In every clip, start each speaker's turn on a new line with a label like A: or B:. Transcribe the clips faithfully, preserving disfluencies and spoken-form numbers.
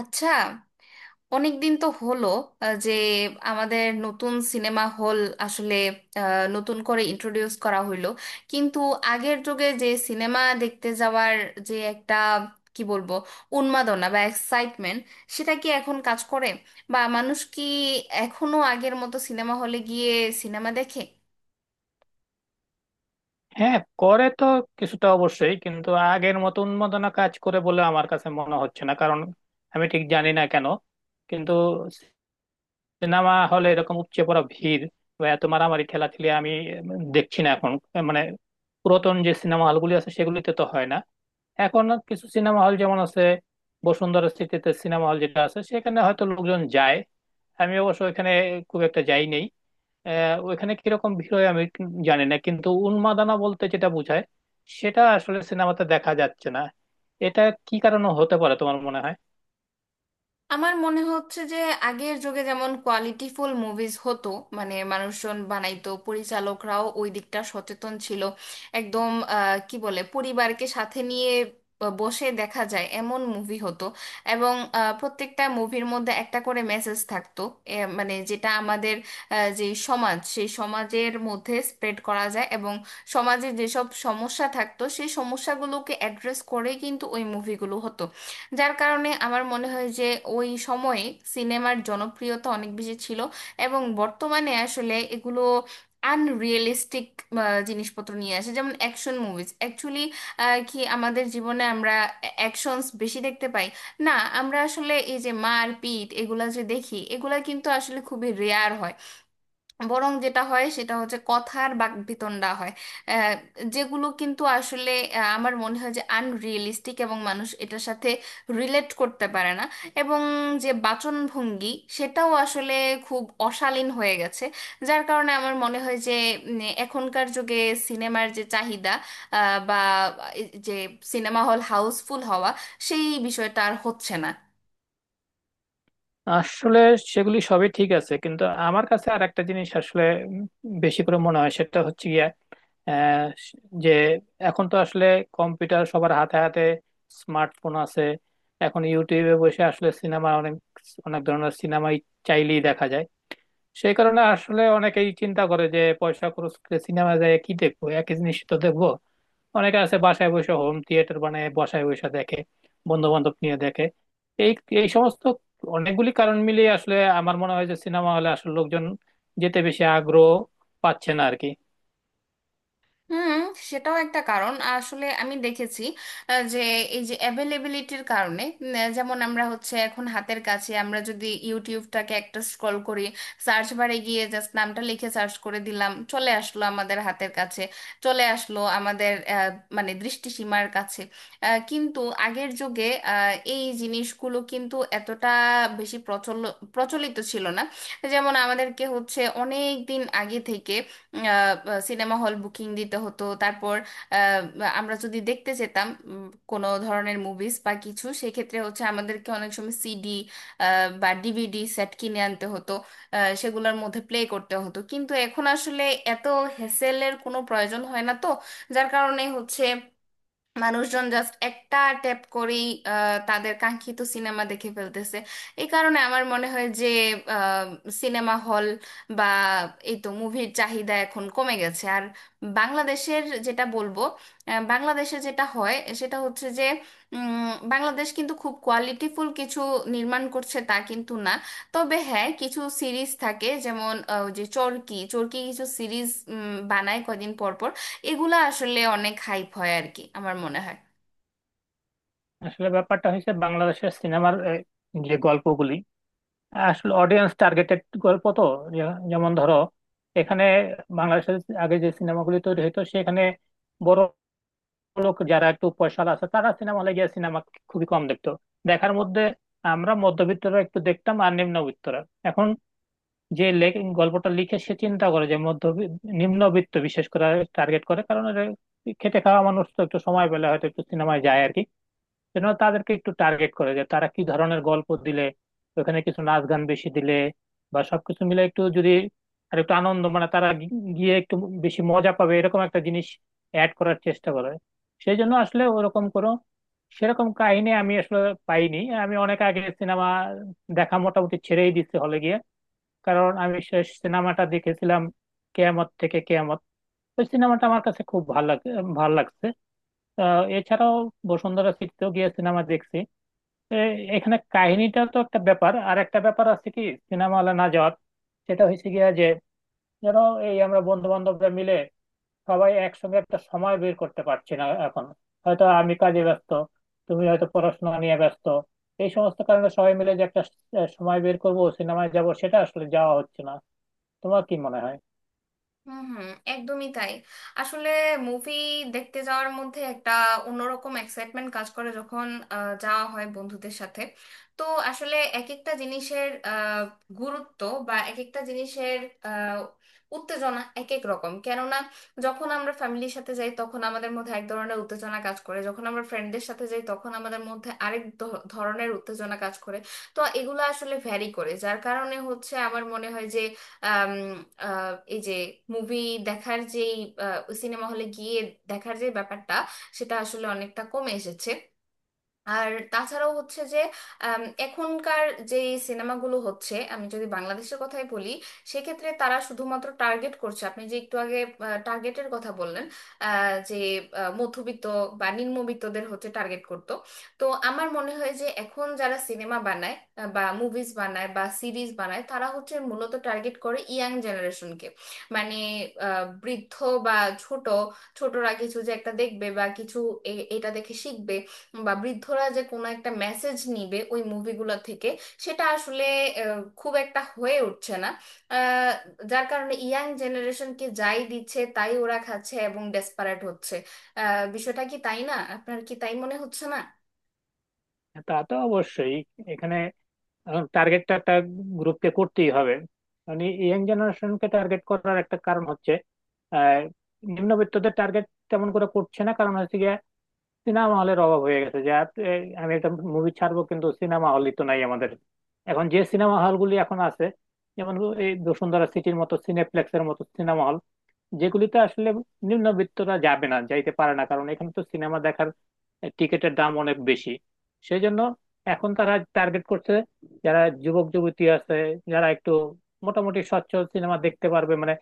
A: আচ্ছা, অনেক দিন তো হলো আহ, যে আমাদের নতুন সিনেমা হল আসলে আহ, নতুন করে ইন্ট্রোডিউস করা হইলো, কিন্তু আগের যুগে যে সিনেমা দেখতে যাওয়ার যে একটা, কি বলবো, উন্মাদনা বা এক্সাইটমেন্ট, সেটা কি এখন কাজ করে? বা মানুষ কি এখনো আগের মতো সিনেমা হলে গিয়ে সিনেমা দেখে?
B: হ্যাঁ করে তো, কিছুটা অবশ্যই, কিন্তু আগের মতো উন্মাদনা কাজ করে বলে আমার কাছে মনে হচ্ছে না। কারণ আমি ঠিক জানি না কেন, কিন্তু সিনেমা হলে এরকম উপচে পড়া ভিড় বা এত মারামারি ঠেলাঠেলি আমি উম, দেখছি না এখন। মানে পুরাতন যে সিনেমা হলগুলি আছে সেগুলিতে তো হয় না। এখন কিছু সিনেমা হল যেমন আছে, বসুন্ধরা সিটিতে সিনেমা হল যেটা আছে সেখানে হয়তো লোকজন যায়। আমি অবশ্য এখানে খুব একটা যাই নেই। আহ, ওইখানে কিরকম ভিড় হয় আমি কি- জানি না, কিন্তু উন্মাদনা বলতে যেটা বোঝায় সেটা আসলে সিনেমাতে দেখা যাচ্ছে না। এটা কি কারণে হতে পারে তোমার মনে হয়?
A: আমার মনে হচ্ছে যে আগের যুগে যেমন কোয়ালিটিফুল মুভিজ হতো, মানে মানুষজন বানাইতো, পরিচালকরাও ওই দিকটা সচেতন ছিল একদম। আহ, কি বলে, পরিবারকে সাথে নিয়ে ব- বসে দেখা যায় এমন মুভি হতো, এবং আহ, প্রত্যেকটা মুভির মধ্যে একটা করে মেসেজ থাকতো, এ, মানে যেটা আমাদের আহ, যে সমাজ, সেই সমাজের মধ্যে স্প্রেড করা যায়, এবং সমাজে যেসব সমস্যা থাকতো সেই সমস্যাগুলোকে অ্যাড্রেস করে কিন্তু ওই মুভিগুলো হতো। যার কারণে আমার মনে হয় যে ওই সময়ে সিনেমার জনপ্রিয়তা অনেক বেশি ছিল, এবং বর্তমানে আসলে এগুলো আনরিয়েলিস্টিক জিনিসপত্র নিয়ে আসে, যেমন অ্যাকশন মুভিজ। অ্যাকচুয়ালি কি আমাদের জীবনে আমরা অ্যাকশনস বেশি দেখতে পাই? না, আমরা আসলে এই যে মারপিট এগুলা যে দেখি, এগুলা কিন্তু আসলে খুবই রেয়ার হয়। বরং যেটা হয় সেটা হচ্ছে কথার বাকবিতণ্ডা হয়, আহ, যেগুলো কিন্তু আসলে আহ, আমার মনে হয় যে আনরিয়েলিস্টিক, এবং মানুষ এটার সাথে রিলেট করতে পারে না। এবং যে বাচনভঙ্গি, সেটাও আসলে খুব অশালীন হয়ে গেছে। যার কারণে আমার মনে হয় যে উম, এখনকার যুগে সিনেমার যে চাহিদা, আহ, বা এই যে সিনেমা হল হাউসফুল হওয়া, সেই বিষয়টা আর হচ্ছে না।
B: আসলে সেগুলি সবই ঠিক আছে, কিন্তু আমার কাছে আর একটা জিনিস আসলে উম, বেশি করে মনে হয়, সেটা হচ্ছে গিয়া আহ, যে এখন তো আসলে কম্পিউটার সবার হাতে হাতে, স্মার্টফোন আছে। এখন ইউটিউবে বসে আসলে সিনেমা অনেক, অনেক ধরনের সিনেমাই চাইলেই দেখা যায়। সেই কারণে আসলে অনেকেই চিন্তা করে যে পয়সা খরচ করে সিনেমা যায় কি দেখবো, একই জিনিস তো দেখবো। অনেকে আছে বাসায় বসে হোম থিয়েটার বানায়, বাসায় বসে দেখে, বন্ধু বান্ধব নিয়ে দেখে। এই এই সমস্ত অনেকগুলি কারণ মিলিয়ে আসলে আমার মনে হয় যে সিনেমা হলে আসলে লোকজন যেতে বেশি আগ্রহ পাচ্ছে না আর কি।
A: হুম, সেটাও একটা কারণ। আসলে আমি দেখেছি আহ, যে এই যে অ্যাভেলেবিলিটির কারণে, উম, আহ, যেমন আমরা হচ্ছে এখন হাতের কাছে, আমরা যদি ইউটিউবটাকে একটা স্ক্রল করি, সার্চ বারে গিয়ে জাস্ট নামটা লিখে সার্চ করে দিলাম, চলে আসলো আমাদের হাতের কাছে, চলে আসলো আমাদের আহ, মানে দৃষ্টিসীমার কাছে। আহ, কিন্তু আগের যুগে আহ, এই জিনিসগুলো কিন্তু এতটা বেশি প্রচল প্রচলিত ছিল না। যেমন আমাদেরকে হচ্ছে অনেক দিন আগে থেকে সিনেমা হল বুকিং দিতে হতো, তারপর আহ, আমরা যদি দেখতে যেতাম উম, কোনো ধরনের মুভিজ বা কিছু, সেক্ষেত্রে হচ্ছে আমাদেরকে অনেক সময় সিডি বা ডিভিডি সেট কিনে আনতে হতো, আহ, সেগুলোর মধ্যে প্লে করতে হতো। কিন্তু এখন আসলে এত হেসেলের কোনো প্রয়োজন হয় না তো, যার কারণে হচ্ছে মানুষজন জাস্ট একটা ট্যাপ করেই আহ, তাদের কাঙ্ক্ষিত সিনেমা দেখে ফেলতেছে। এই কারণে আমার মনে হয় যে সিনেমা হল, বা এই তো মুভির চাহিদা এখন কমে গেছে আর। বাংলাদেশের যেটা বলবো, আহ, বাংলাদেশে যেটা হয় সেটা হচ্ছে যে উম, বাংলাদেশ কিন্তু খুব কোয়ালিটিফুল কিছু নির্মাণ করছে তা কিন্তু না। তবে হ্যাঁ, কিছু সিরিজ থাকে, যেমন আহ, ওই যে চরকি, চরকি কিছু সিরিজ বানায় কদিন পর পর, এগুলা আসলে অনেক হাইপ হয় আর কি, আমার মনে হয়।
B: আসলে ব্যাপারটা হয়েছে বাংলাদেশের সিনেমার আহ, যে গল্পগুলি আসলে অডিয়েন্স টার্গেটেড গল্প তো। যে- যেমন ধরো, এখানে বাংলাদেশের আগে যে সিনেমাগুলি তৈরি হতো সেখানে বড় লোক যারা একটু পয়সাওয়ালা আছে তারা সিনেমা হলে গিয়ে সিনেমা খুবই কম দেখতো। দেখার মধ্যে আমরা মধ্যবিত্তরা একটু দেখতাম আর নিম্নবিত্তরা। এখন যে লেখ- গল্পটা লিখে সে চিন্তা করে যে মধ্য নিম্নবিত্ত বিশেষ করে টার্গেট করে, কারণ এটা খেটে খাওয়া মানুষ তো একটু সময় পেলে হয়তো একটু সিনেমায় যায় আর কি। যেন তাদেরকে একটু টার্গেট করে যে তারা কি ধরনের গল্প দিলে, ওখানে কিছু নাচ গান বেশি দিলে বা সবকিছু মিলে একটু যদি আর একটু আনন্দ, মানে তারা গি- গিয়ে একটু বেশি মজা পাবে, এরকম একটা জিনিস অ্যাড করার চেষ্টা করে। সেই জন্য আসলে ওরকম কোনো সেরকম কাহিনী আমি আসলে পাইনি। আমি অনেক আগে সিনেমা দেখা মোটামুটি ছেড়েই দিচ্ছি হলে গিয়ে। কারণ আমি শেষ সিনেমাটা দেখেছিলাম কেয়ামত থেকে কেয়ামত। ওই সিনেমাটা আমার কাছে খুব ভালো লাগে, ভালো লাগছে। আহ, এছাড়াও বসুন্ধরা সিটিতেও গিয়ে সিনেমা দেখছি। এ- এখানে কাহিনীটা তো একটা ব্যাপার, আর একটা ব্যাপার আছে কি সিনেমা হলে না যাওয়ার। সেটা হয়েছে গিয়া যে, যেন এই আমরা বন্ধু বান্ধবরা মিলে সবাই একসঙ্গে একটা সময় বের করতে পারছি না এখন। হয়তো আমি কাজে ব্যস্ত, তুমি হয়তো পড়াশোনা নিয়ে ব্যস্ত। এই সমস্ত কারণে সবাই মিলে যে একটা স- সময় বের করব সিনেমায় যাব সেটা আসলে যাওয়া হচ্ছে না। তোমার কি মনে হয়?
A: হুম, হুম, একদমই তাই। আসলে মুভি দেখতে যাওয়ার মধ্যে একটা অন্যরকম এক্সাইটমেন্ট কাজ করে, যখন আহ, যাওয়া হয় বন্ধুদের সাথে। তো আসলে এক একটা জিনিসের আহ, গুরুত্ব, বা এক একটা জিনিসের আহ, উত্তেজনা এক এক রকম। কেননা যখন আমরা ফ্যামিলির সাথে যাই তখন আমাদের মধ্যে এক ধরনের উত্তেজনা কাজ করে, যখন আমরা ফ্রেন্ডদের সাথে যাই তখন আমাদের মধ্যে আরেক ধ- ধরনের উত্তেজনা কাজ করে। তো এগুলো আসলে ভ্যারি করে, যার কারণে হচ্ছে আমার মনে হয় যে আম, আহ, এই যে মুভি দেখার যেই, সিনেমা হলে গিয়ে দেখার যে ব্যাপারটা, সেটা আসলে অনেকটা কমে এসেছে। আর তাছাড়াও হচ্ছে যে আম, এখনকার যে সিনেমাগুলো হচ্ছে, আমি যদি বাংলাদেশের কথাই বলি, সেক্ষেত্রে তারা শুধুমাত্র টার্গেট করছে। আপনি যে একটু আগে টার্গেটের কথা বললেন, আহ, যে আহ, মধ্যবিত্ত বা নিম্নবিত্তদের হচ্ছে টার্গেট করতো। তো আমার মনে হয় যে এখন যারা সিনেমা বানায়, আহ, বা মুভিজ বানায় বা সিরিজ বানায়, তারা হচ্ছে মূলত টার্গেট করে ইয়াং জেনারেশনকে। মানে আহ, বৃদ্ধ বা ছোট, ছোটরা কিছু যে একটা দেখবে বা কিছু এ- এটা দেখে শিখবে, বা বৃদ্ধরা যে কোনো একটা মেসেজ নিবে ওই মুভিগুলো থেকে, সেটা আসলে আহ, খুব একটা হয়ে উঠছে না। আহ, যার কারণে ইয়াং জেনারেশনকে যাই দিচ্ছে তাই ওরা খাচ্ছে এবং ডেসপারেট হচ্ছে। আহ, বিষয়টা কি তাই না? আপনার কি তাই মনে হচ্ছে না?
B: তা তো অবশ্যই। এখানে এখন টার্গেটটা একটা গ্রুপকে করতেই হবে। মানে ইয়াং জেনারেশনকে টার্গেট করার একটা কারণ হচ্ছে আহ, নিম্নবিত্তদের টার্গেট তেমন করে করছে না, কারণ হচ্ছে গিয়ে সিনেমা হলের অভাব হয়ে গেছে। যে আপ- এই, আমি একটা মুভি ছাড়বো কিন্তু সিনেমা হলই তো নাই আমাদের। এখন যে সিনেমা হলগুলি এখন আছে, যেমন এই বসুন্ধরা সিটির মতো সিনেপ্লেক্সের মতো সিনেমা, যেগুলিতে আসলে নিম্নবিত্তরা যাবে না, যাইতে পারে না, কারণ এখানে তো সিনেমা দেখার টিকিটের দাম অনেক বেশি। সেই জন্য এখন তারা টার্গেট করছে যারা যুবক যুবতী আছে, যারা একটু মোটামুটি সচ্ছল, সিনেমা দেখতে পারবে, মানে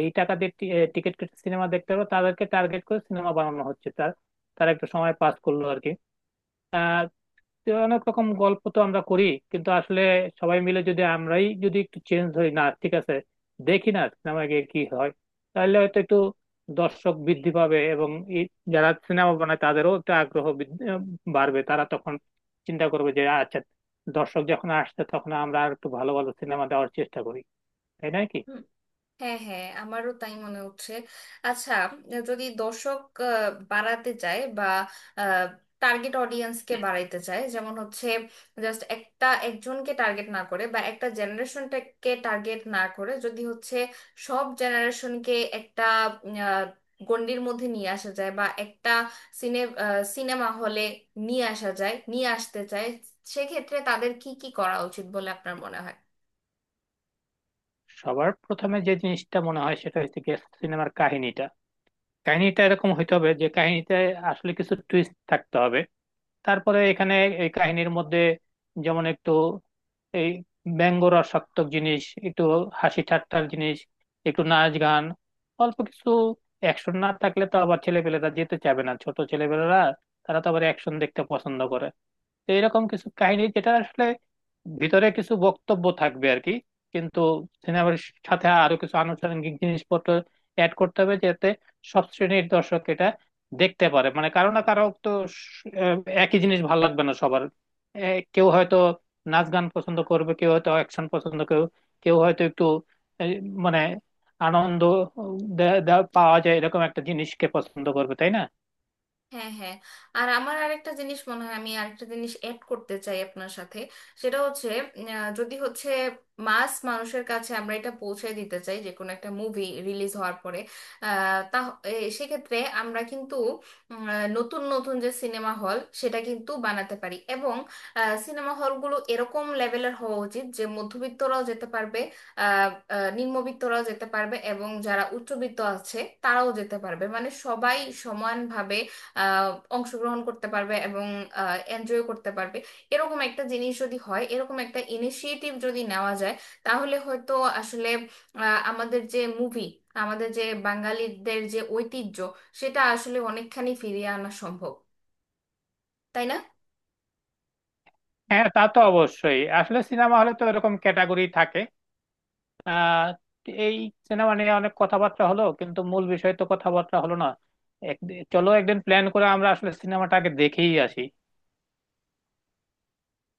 B: এই টাকা দিয়ে টিকিট কেটে সিনেমা দেখতে পারবে, তাদেরকে টার্গেট করে সিনেমা বানানো হচ্ছে। তার তারা একটু সময় পাস করলো আর কি। তো অনেক রকম গল্প তো আমরা করি, কিন্তু আসলে সবাই মিলে যদি, আমরাই যদি একটু চেঞ্জ হই না, ঠিক আছে, দেখি না সিনেমা গিয়ে কি হয়, তাহলে হয়তো একটু দর্শক বৃদ্ধি পাবে এবং এই যারা সিনেমা বানায় তাদেরও একটু আগ্রহ বৃদ্ধি- বাড়বে। তারা তখন চিন্তা করবে যে আচ্ছা, দর্শক যখন আসছে তখন আমরা আর একটু ভালো ভালো সিনেমা দেওয়ার চেষ্টা করি। তাই নয় কি?
A: হ্যাঁ, হ্যাঁ, আমারও তাই মনে হচ্ছে। আচ্ছা, যদি দর্শক আহ, বাড়াতে চায়, বা টার্গেট অডিয়েন্সকে বাড়াইতে চায়, যেমন হচ্ছে জাস্ট একটা একজনকে টার্গেট না করে বা একটা জেনারেশনটাকে টার্গেট না করে যদি হচ্ছে সব জেনারেশনকে একটা উম, আহ, গণ্ডির মধ্যে নিয়ে আসা যায়, বা একটা সিনে সিনেমা হলে নিয়ে আসা যায়, নিয়ে আসতে চায়, সেক্ষেত্রে তাদের কি কি করা উচিত বলে আপনার মনে হয়?
B: সবার প্রথমে যে জিনিসটা মনে হয় সেটা হচ্ছে গিয়ে সিনেমার কাহিনীটা। কাহিনীটা এরকম হইতে হবে যে কাহিনীতে আসলে কিছু টুইস্ট থাকতে হবে। তারপরে এখানে এই কাহিনীর মধ্যে যেমন একটু এই ব্যঙ্গ রসাত্মক জিনিস, একটু হাসি ঠাট্টার জিনিস, একটু নাচ গান, অল্প কিছু অ্যাকশন না থাকলে তো আবার ছেলেপেলেরা যেতে চাবে না, ছোট ছেলেপেলেরা তারা তো আবার অ্যাকশন দেখতে পছন্দ করে। তো এরকম কিছু কাহিনী যেটা আসলে ভিতরে কিছু বক্তব্য থাকবে আর কি। কিন্তু সিনেমার সাথে আরো কিছু আনুষঙ্গিক জিনিসপত্র অ্যাড করতে হবে যাতে সব শ্রেণীর দর্শক এটা দেখতে পারে। মানে কারো না কারো তো স- আহ, একই জিনিস ভালো লাগবে না সবার। এ, কেউ হয়তো নাচ গান পছন্দ করবে, কেউ হয়তো অ্যাকশন পছন্দ, কেউ কেউ হয়তো একটু এই, মানে আনন্দ দে- দে- পাওয়া যায় এরকম একটা জিনিসকে পছন্দ করবে। তাই না?
A: হ্যাঁ, হ্যাঁ। আর আমার আরেকটা জিনিস মনে হয়, আমি আরেকটা জিনিস অ্যাড করতে চাই আপনার সাথে। সেটা হচ্ছে আহ, যদি হচ্ছে মাস মানুষের কাছে আমরা এটা পৌঁছে দিতে চাই যে কোনো একটা মুভি রিলিজ হওয়ার পরে, আহ, তা এ, সেক্ষেত্রে আমরা কিন্তু উম, আহ, নতুন নতুন যে সিনেমা হল, সেটা কিন্তু বানাতে পারি। এবং সিনেমা হলগুলো এরকম লেভেলের হওয়া উচিত যে মধ্যবিত্তরাও যেতে পারবে, আহ, আহ, নিম্নবিত্তরাও যেতে পারবে, এবং যারা উচ্চবিত্ত আছে তারাও যেতে পারবে। মানে সবাই সমানভাবে আহ, অংশগ্রহণ করতে পারবে এবং এনজয় করতে পারবে। এরকম একটা জিনিস যদি হয়, এরকম একটা ইনিশিয়েটিভ যদি নেওয়া যায়, তাহলে হয়তো আসলে আহ, আমাদের যে মুভি, আমাদের যে বাঙালিদের যে ঐতিহ্য, সেটা আসলে অনেকখানি ফিরিয়ে আনা সম্ভব, তাই না?
B: হ্যাঁ, তা তো অবশ্যই। আসলে সিনেমা হলে তো এরকম ক্যাটাগরি থাকে। আহ এই সিনেমা নিয়ে অনেক কথাবার্তা হলো কিন্তু মূল বিষয় তো কথাবার্তা হলো না। এক- চলো একদিন প্ল্যান করে আমরা আসলে সিনেমাটাকে দেখেই আসি।